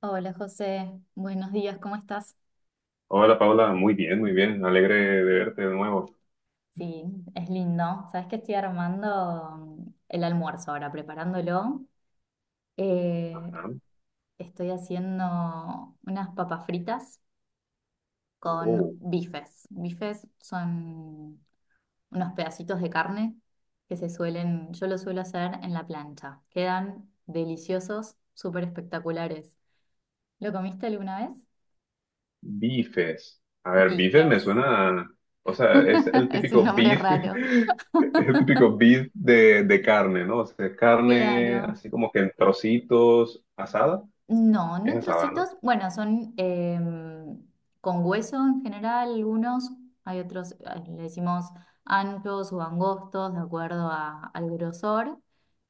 Hola José, buenos días, ¿cómo estás? Hola Paula, muy bien, alegre de verte de nuevo. Sí, es lindo. Sabes que estoy armando el almuerzo ahora, preparándolo. Eh, Ajá. estoy haciendo unas papas fritas con Oh, bifes. Bifes son unos pedacitos de carne yo lo suelo hacer en la plancha. Quedan deliciosos, súper espectaculares. ¿Lo comiste alguna vez? bifes. A ver, bifes me Bifes. suena, o sea, es el Es un típico nombre beef, raro. el típico beef de carne, ¿no? O sea, carne Claro. así como que en trocitos, asada, No, no es en asada, ¿no? trocitos. Bueno, son con hueso en general algunos. Hay otros, ah, le decimos anchos o angostos, de acuerdo al grosor.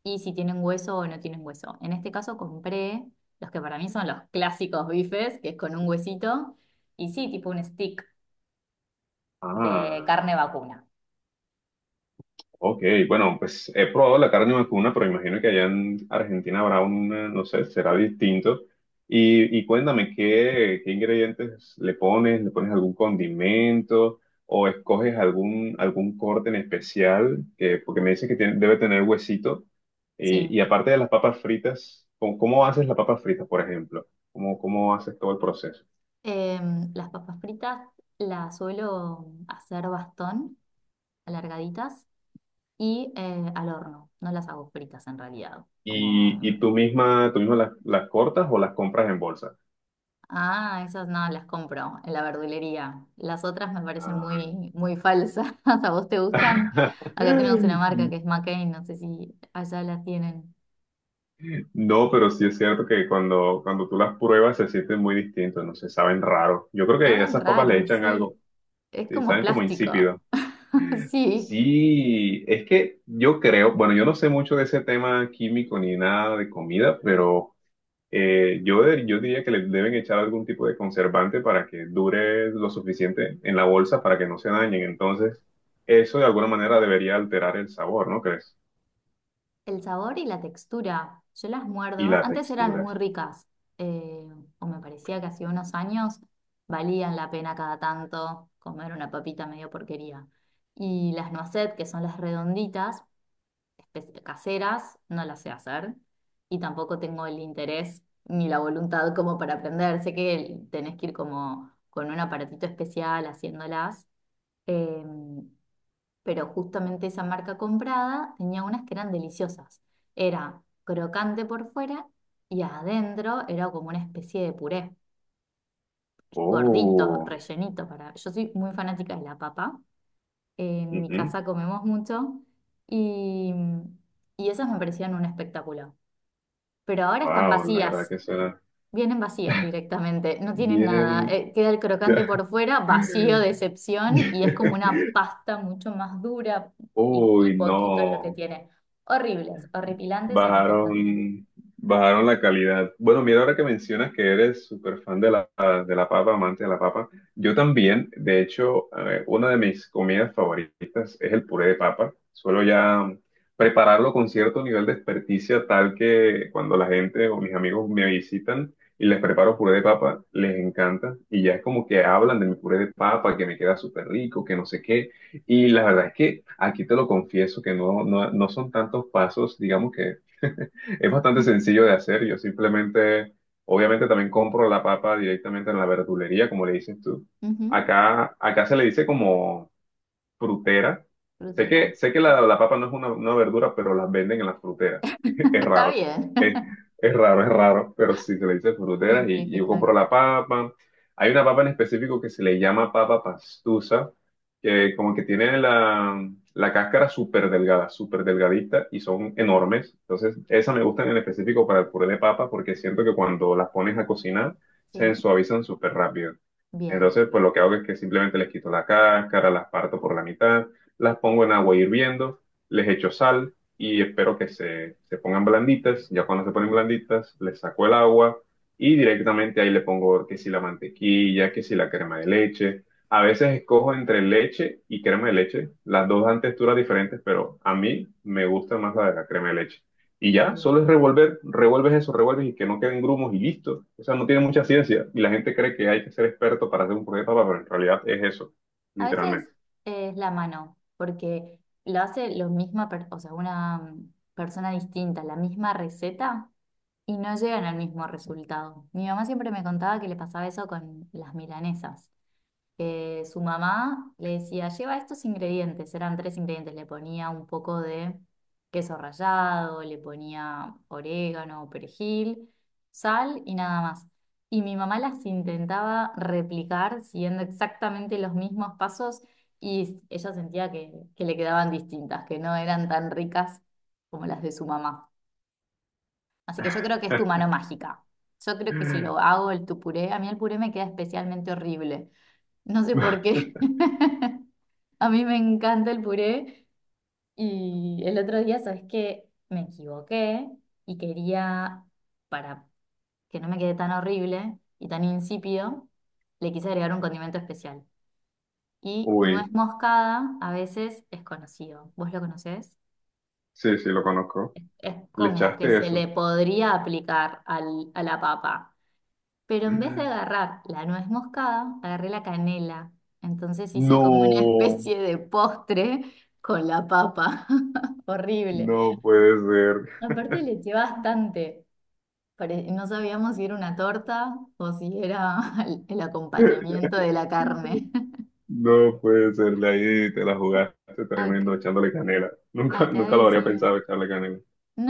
Y si tienen hueso o no tienen hueso. En este caso compré los que para mí son los clásicos bifes, que es con un huesito. Y sí, tipo un stick de Ah. carne vacuna. Ok, bueno, pues he probado la carne vacuna, pero imagino que allá en Argentina habrá una, no sé, será distinto. Y cuéntame, ¿ qué ingredientes le pones? ¿Le pones algún condimento o escoges algún corte en especial? Que, porque me dices que debe tener huesito. Sí. Y aparte de las papas fritas, ¿ cómo haces las papas fritas, por ejemplo? ¿Cómo, cómo haces todo el proceso? Las papas fritas las suelo hacer bastón, alargaditas. Y al horno. No las hago fritas en realidad. Como, ¿Y tú misma las cortas o las compras en bolsa? Esas no, las compro en la verdulería. Las otras me parecen Ah. muy, muy falsas. ¿A vos te gustan? Acá tenemos una marca que es McCain, no sé si allá las tienen. No, pero sí es cierto que cuando tú las pruebas se sienten muy distintos, no se saben raro. Yo creo que a Saben esas papas le raros, echan algo, sí. Es y como saben como plástico. insípido. Sí. Sí, es que yo creo, bueno, yo no sé mucho de ese tema químico ni nada de comida, pero yo diría que le deben echar algún tipo de conservante para que dure lo suficiente en la bolsa para que no se dañen. Entonces, eso de alguna manera debería alterar el sabor, ¿no crees? El sabor y la textura, yo las Y muerdo. la Antes eran textura. muy ricas, eh, o me parecía que hace unos años valían la pena cada tanto comer una papita medio porquería. Y las noisette, que son las redonditas, caseras, no las sé hacer. Y tampoco tengo el interés ni la voluntad como para aprender. Sé que tenés que ir como con un aparatito especial haciéndolas. Em, pero justamente esa marca comprada tenía unas que eran deliciosas. Era crocante por fuera y adentro era como una especie de puré, gordito, Oh. rellenito para... Yo soy muy fanática de la papa, en mi Wow, casa comemos mucho y, y esas me parecían un espectáculo. Pero ahora están la verdad vacías. que suena. Vienen vacías directamente, no tienen nada. Vienen. Queda el crocante por fuera, vacío de excepción, y es como una pasta mucho más dura y Uy, poquito lo que no. tiene. Horribles, horripilantes, horripilantes. Bajaron, bajaron la calidad. Bueno, mira, ahora que mencionas que eres súper fan de la papa, amante de la papa, yo también, de hecho, una de mis comidas favoritas es el puré de papa. Suelo ya prepararlo con cierto nivel de experticia, tal que cuando la gente o mis amigos me visitan y les preparo puré de papa, les encanta. Y ya es como que hablan de mi puré de papa, que me queda súper rico, que no sé qué. Y la verdad es que aquí te lo confieso, que no, no, no son tantos pasos, digamos que es bastante sencillo de hacer. Yo simplemente, obviamente también compro la papa directamente en la verdulería, como le dices tú. Ujú. Acá, acá se le dice como frutera. Frutera. Sé que la papa no es una verdura, pero las venden en las fruteras. Es Está raro. bien. Es, es raro, pero sí se le dice fruteras y yo compro Simplificar. la papa. Hay una papa en específico que se le llama papa pastusa, que como que tiene la cáscara súper delgada, súper delgadita y son enormes. Entonces, esas me gustan en específico para el puré de papa porque siento que cuando las pones a cocinar, se Sí, suavizan súper rápido. bien. Entonces, pues lo que hago es que simplemente les quito la cáscara, las parto por la mitad, las pongo en agua hirviendo, les echo sal y espero que se pongan blanditas. Ya cuando se ponen blanditas, les saco el agua y directamente ahí le pongo que si la mantequilla, que si la crema de leche. A veces escojo entre leche y crema de leche. Las dos dan texturas diferentes, pero a mí me gusta más la de la crema de leche. Y ya, Sí. solo es revolver, revuelves eso, revuelves y que no queden grumos y listo. O sea, no tiene mucha ciencia y la gente cree que hay que ser experto para hacer un proyecto, pero en realidad es eso, A veces literalmente. es la mano, porque lo hace lo misma, o sea, una persona distinta, la misma receta y no llegan al mismo resultado. Mi mamá siempre me contaba que le pasaba eso con las milanesas, que su mamá le decía, lleva estos ingredientes, eran tres ingredientes, le ponía un poco de queso rallado, le ponía orégano, perejil, sal y nada más. Y mi mamá las intentaba replicar siguiendo exactamente los mismos pasos y ella sentía que le quedaban distintas, que no eran tan ricas como las de su mamá. Así que yo creo que es tu mano mágica. Yo creo que si lo hago el tu puré, a mí el puré me queda especialmente horrible. No sé por qué. A mí me encanta el puré y el otro día, ¿sabes qué? Me equivoqué y quería, para que no me quede tan horrible y tan insípido, le quise agregar un condimento especial. Y nuez Uy, moscada a veces es conocido. ¿Vos lo conocés? sí, sí, lo conozco. Es Le como que echaste se le eso. podría aplicar a la papa. Pero en vez de agarrar la nuez moscada, agarré la canela. Entonces hice como una No, especie de postre con la papa. Horrible. no puede ser. Aparte le eché bastante. No sabíamos si era una torta o si era el acompañamiento de la carne. No puede ser, de ahí te la jugaste Acá, tremendo echándole canela. Nunca, acá nunca lo habría decimos. pensado echarle canela.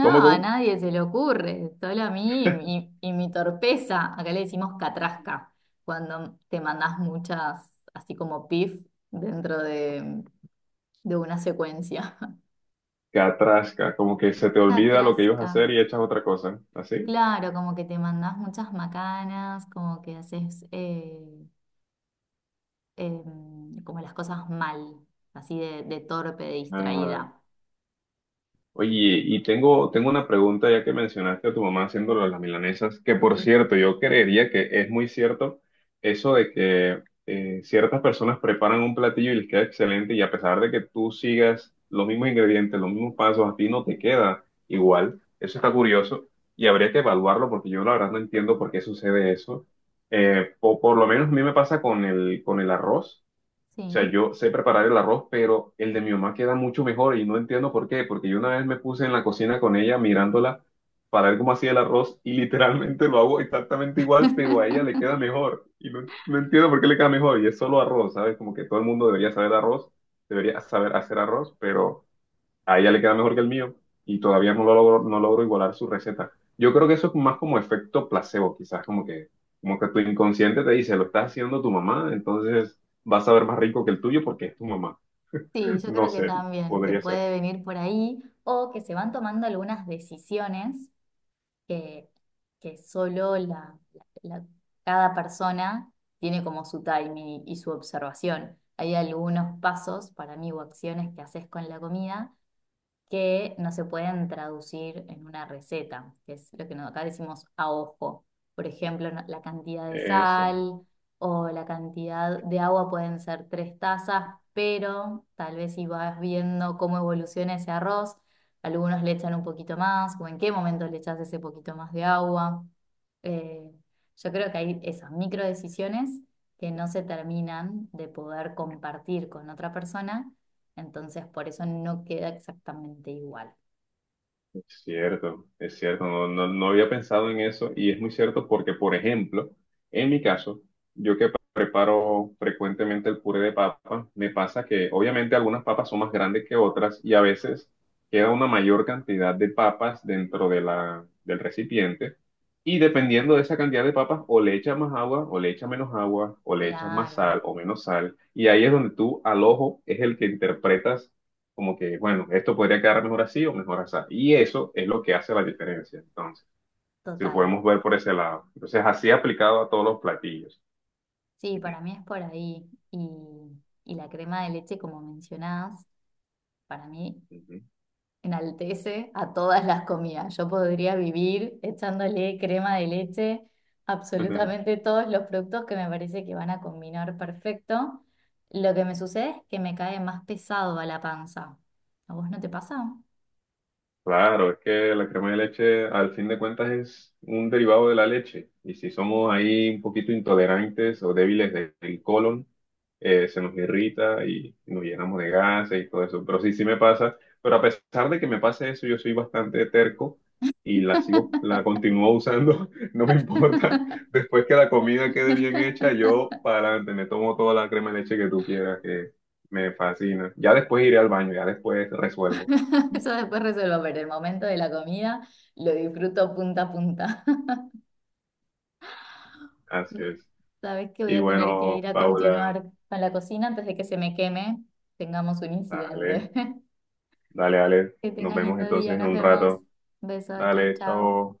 ¿Cómo, a cómo? nadie se le ocurre, solo a mí y mi torpeza. Acá le decimos catrasca, cuando te mandás muchas, así como pif, dentro de una secuencia. Catrasca, como que se te olvida lo que ibas a Catrasca. hacer y echas otra cosa, ¿así? Claro, como que te mandás muchas macanas, como que haces como las cosas mal, así de torpe, de Ah, distraída. oye, tengo una pregunta ya que mencionaste a tu mamá haciendo lo de las milanesas, que por Sí, cierto, yo creería que es muy cierto eso de que ciertas personas preparan un platillo y les queda excelente y a pesar de que tú sigas los mismos ingredientes, los mismos pasos, a ti no te queda igual. Eso está curioso y habría que evaluarlo porque yo la verdad no entiendo por qué sucede eso. Por lo menos a mí me pasa con con el arroz. O sea, sí. yo sé preparar el arroz, pero el de mi mamá queda mucho mejor y no entiendo por qué, porque yo una vez me puse en la cocina con ella mirándola para ver cómo hacía el arroz y literalmente lo hago exactamente igual, pero a ella le queda mejor y no, no entiendo por qué le queda mejor y es solo arroz, ¿sabes? Como que todo el mundo debería saber arroz, debería saber hacer arroz, pero a ella le queda mejor que el mío y todavía no lo logro, no logro igualar su receta. Yo creo que eso es más como efecto placebo, quizás como que tu inconsciente te dice, lo está haciendo tu mamá, entonces vas a ver más rico que el tuyo porque es tu mamá. Sí, yo No creo que sé, también, que podría ser. puede venir por ahí o que se van tomando algunas decisiones que, que solo cada persona tiene como su timing y su observación. Hay algunos pasos para mí o acciones que haces con la comida que no se pueden traducir en una receta, que es lo que acá decimos a ojo. Por ejemplo, la cantidad de Eso. sal o la cantidad de agua pueden ser tres tazas, pero tal vez si vas viendo cómo evoluciona ese arroz, algunos le echan un poquito más o en qué momento le echas ese poquito más de agua. Eh, yo creo que hay esas micro decisiones que no se terminan de poder compartir con otra persona entonces, por eso no queda exactamente igual. Es cierto, no, no, no había pensado en eso y es muy cierto porque, por ejemplo, en mi caso, yo que preparo frecuentemente el puré de papa, me pasa que obviamente algunas papas son más grandes que otras y a veces queda una mayor cantidad de papas dentro de del recipiente y dependiendo de esa cantidad de papas o le echas más agua o le echas menos agua o le echas más sal Claro, o menos sal y ahí es donde tú al ojo es el que interpretas como que, bueno, esto podría quedar mejor así o mejor así. Y eso es lo que hace la diferencia, entonces, si lo total. podemos ver por ese lado. Entonces, así aplicado a todos los platillos. Sí, para mí es por ahí. Y la crema de leche, como mencionás, para mí Ujú. enaltece a todas las comidas. Yo podría vivir echándole crema de leche a absolutamente todos los productos que me parece que van a combinar perfecto. Lo que me sucede es que me cae más pesado a la panza. ¿A vos no te pasa? Claro, es que la crema de leche al fin de cuentas es un derivado de la leche y si somos ahí un poquito intolerantes o débiles del colon, se nos irrita y nos llenamos de gases y todo eso. Pero sí, sí me pasa, pero a pesar de que me pase eso, yo soy bastante terco y la sigo, la continúo usando, no me importa. Después que la comida quede bien hecha, yo para adelante me tomo toda la crema de leche que tú quieras, que me fascina. Ya después iré al baño, ya después resuelvo. Eso después resuelvo, pero el momento de la comida lo disfruto punta a punta. Así es. Sabes que voy Y a tener que bueno, ir a Paula, continuar con la cocina antes de que se me queme, tengamos un dale, incidente. dale, dale. Que Nos tengas vemos lindo entonces día, en nos un vemos. rato. Beso, chau, Dale, chau. chao.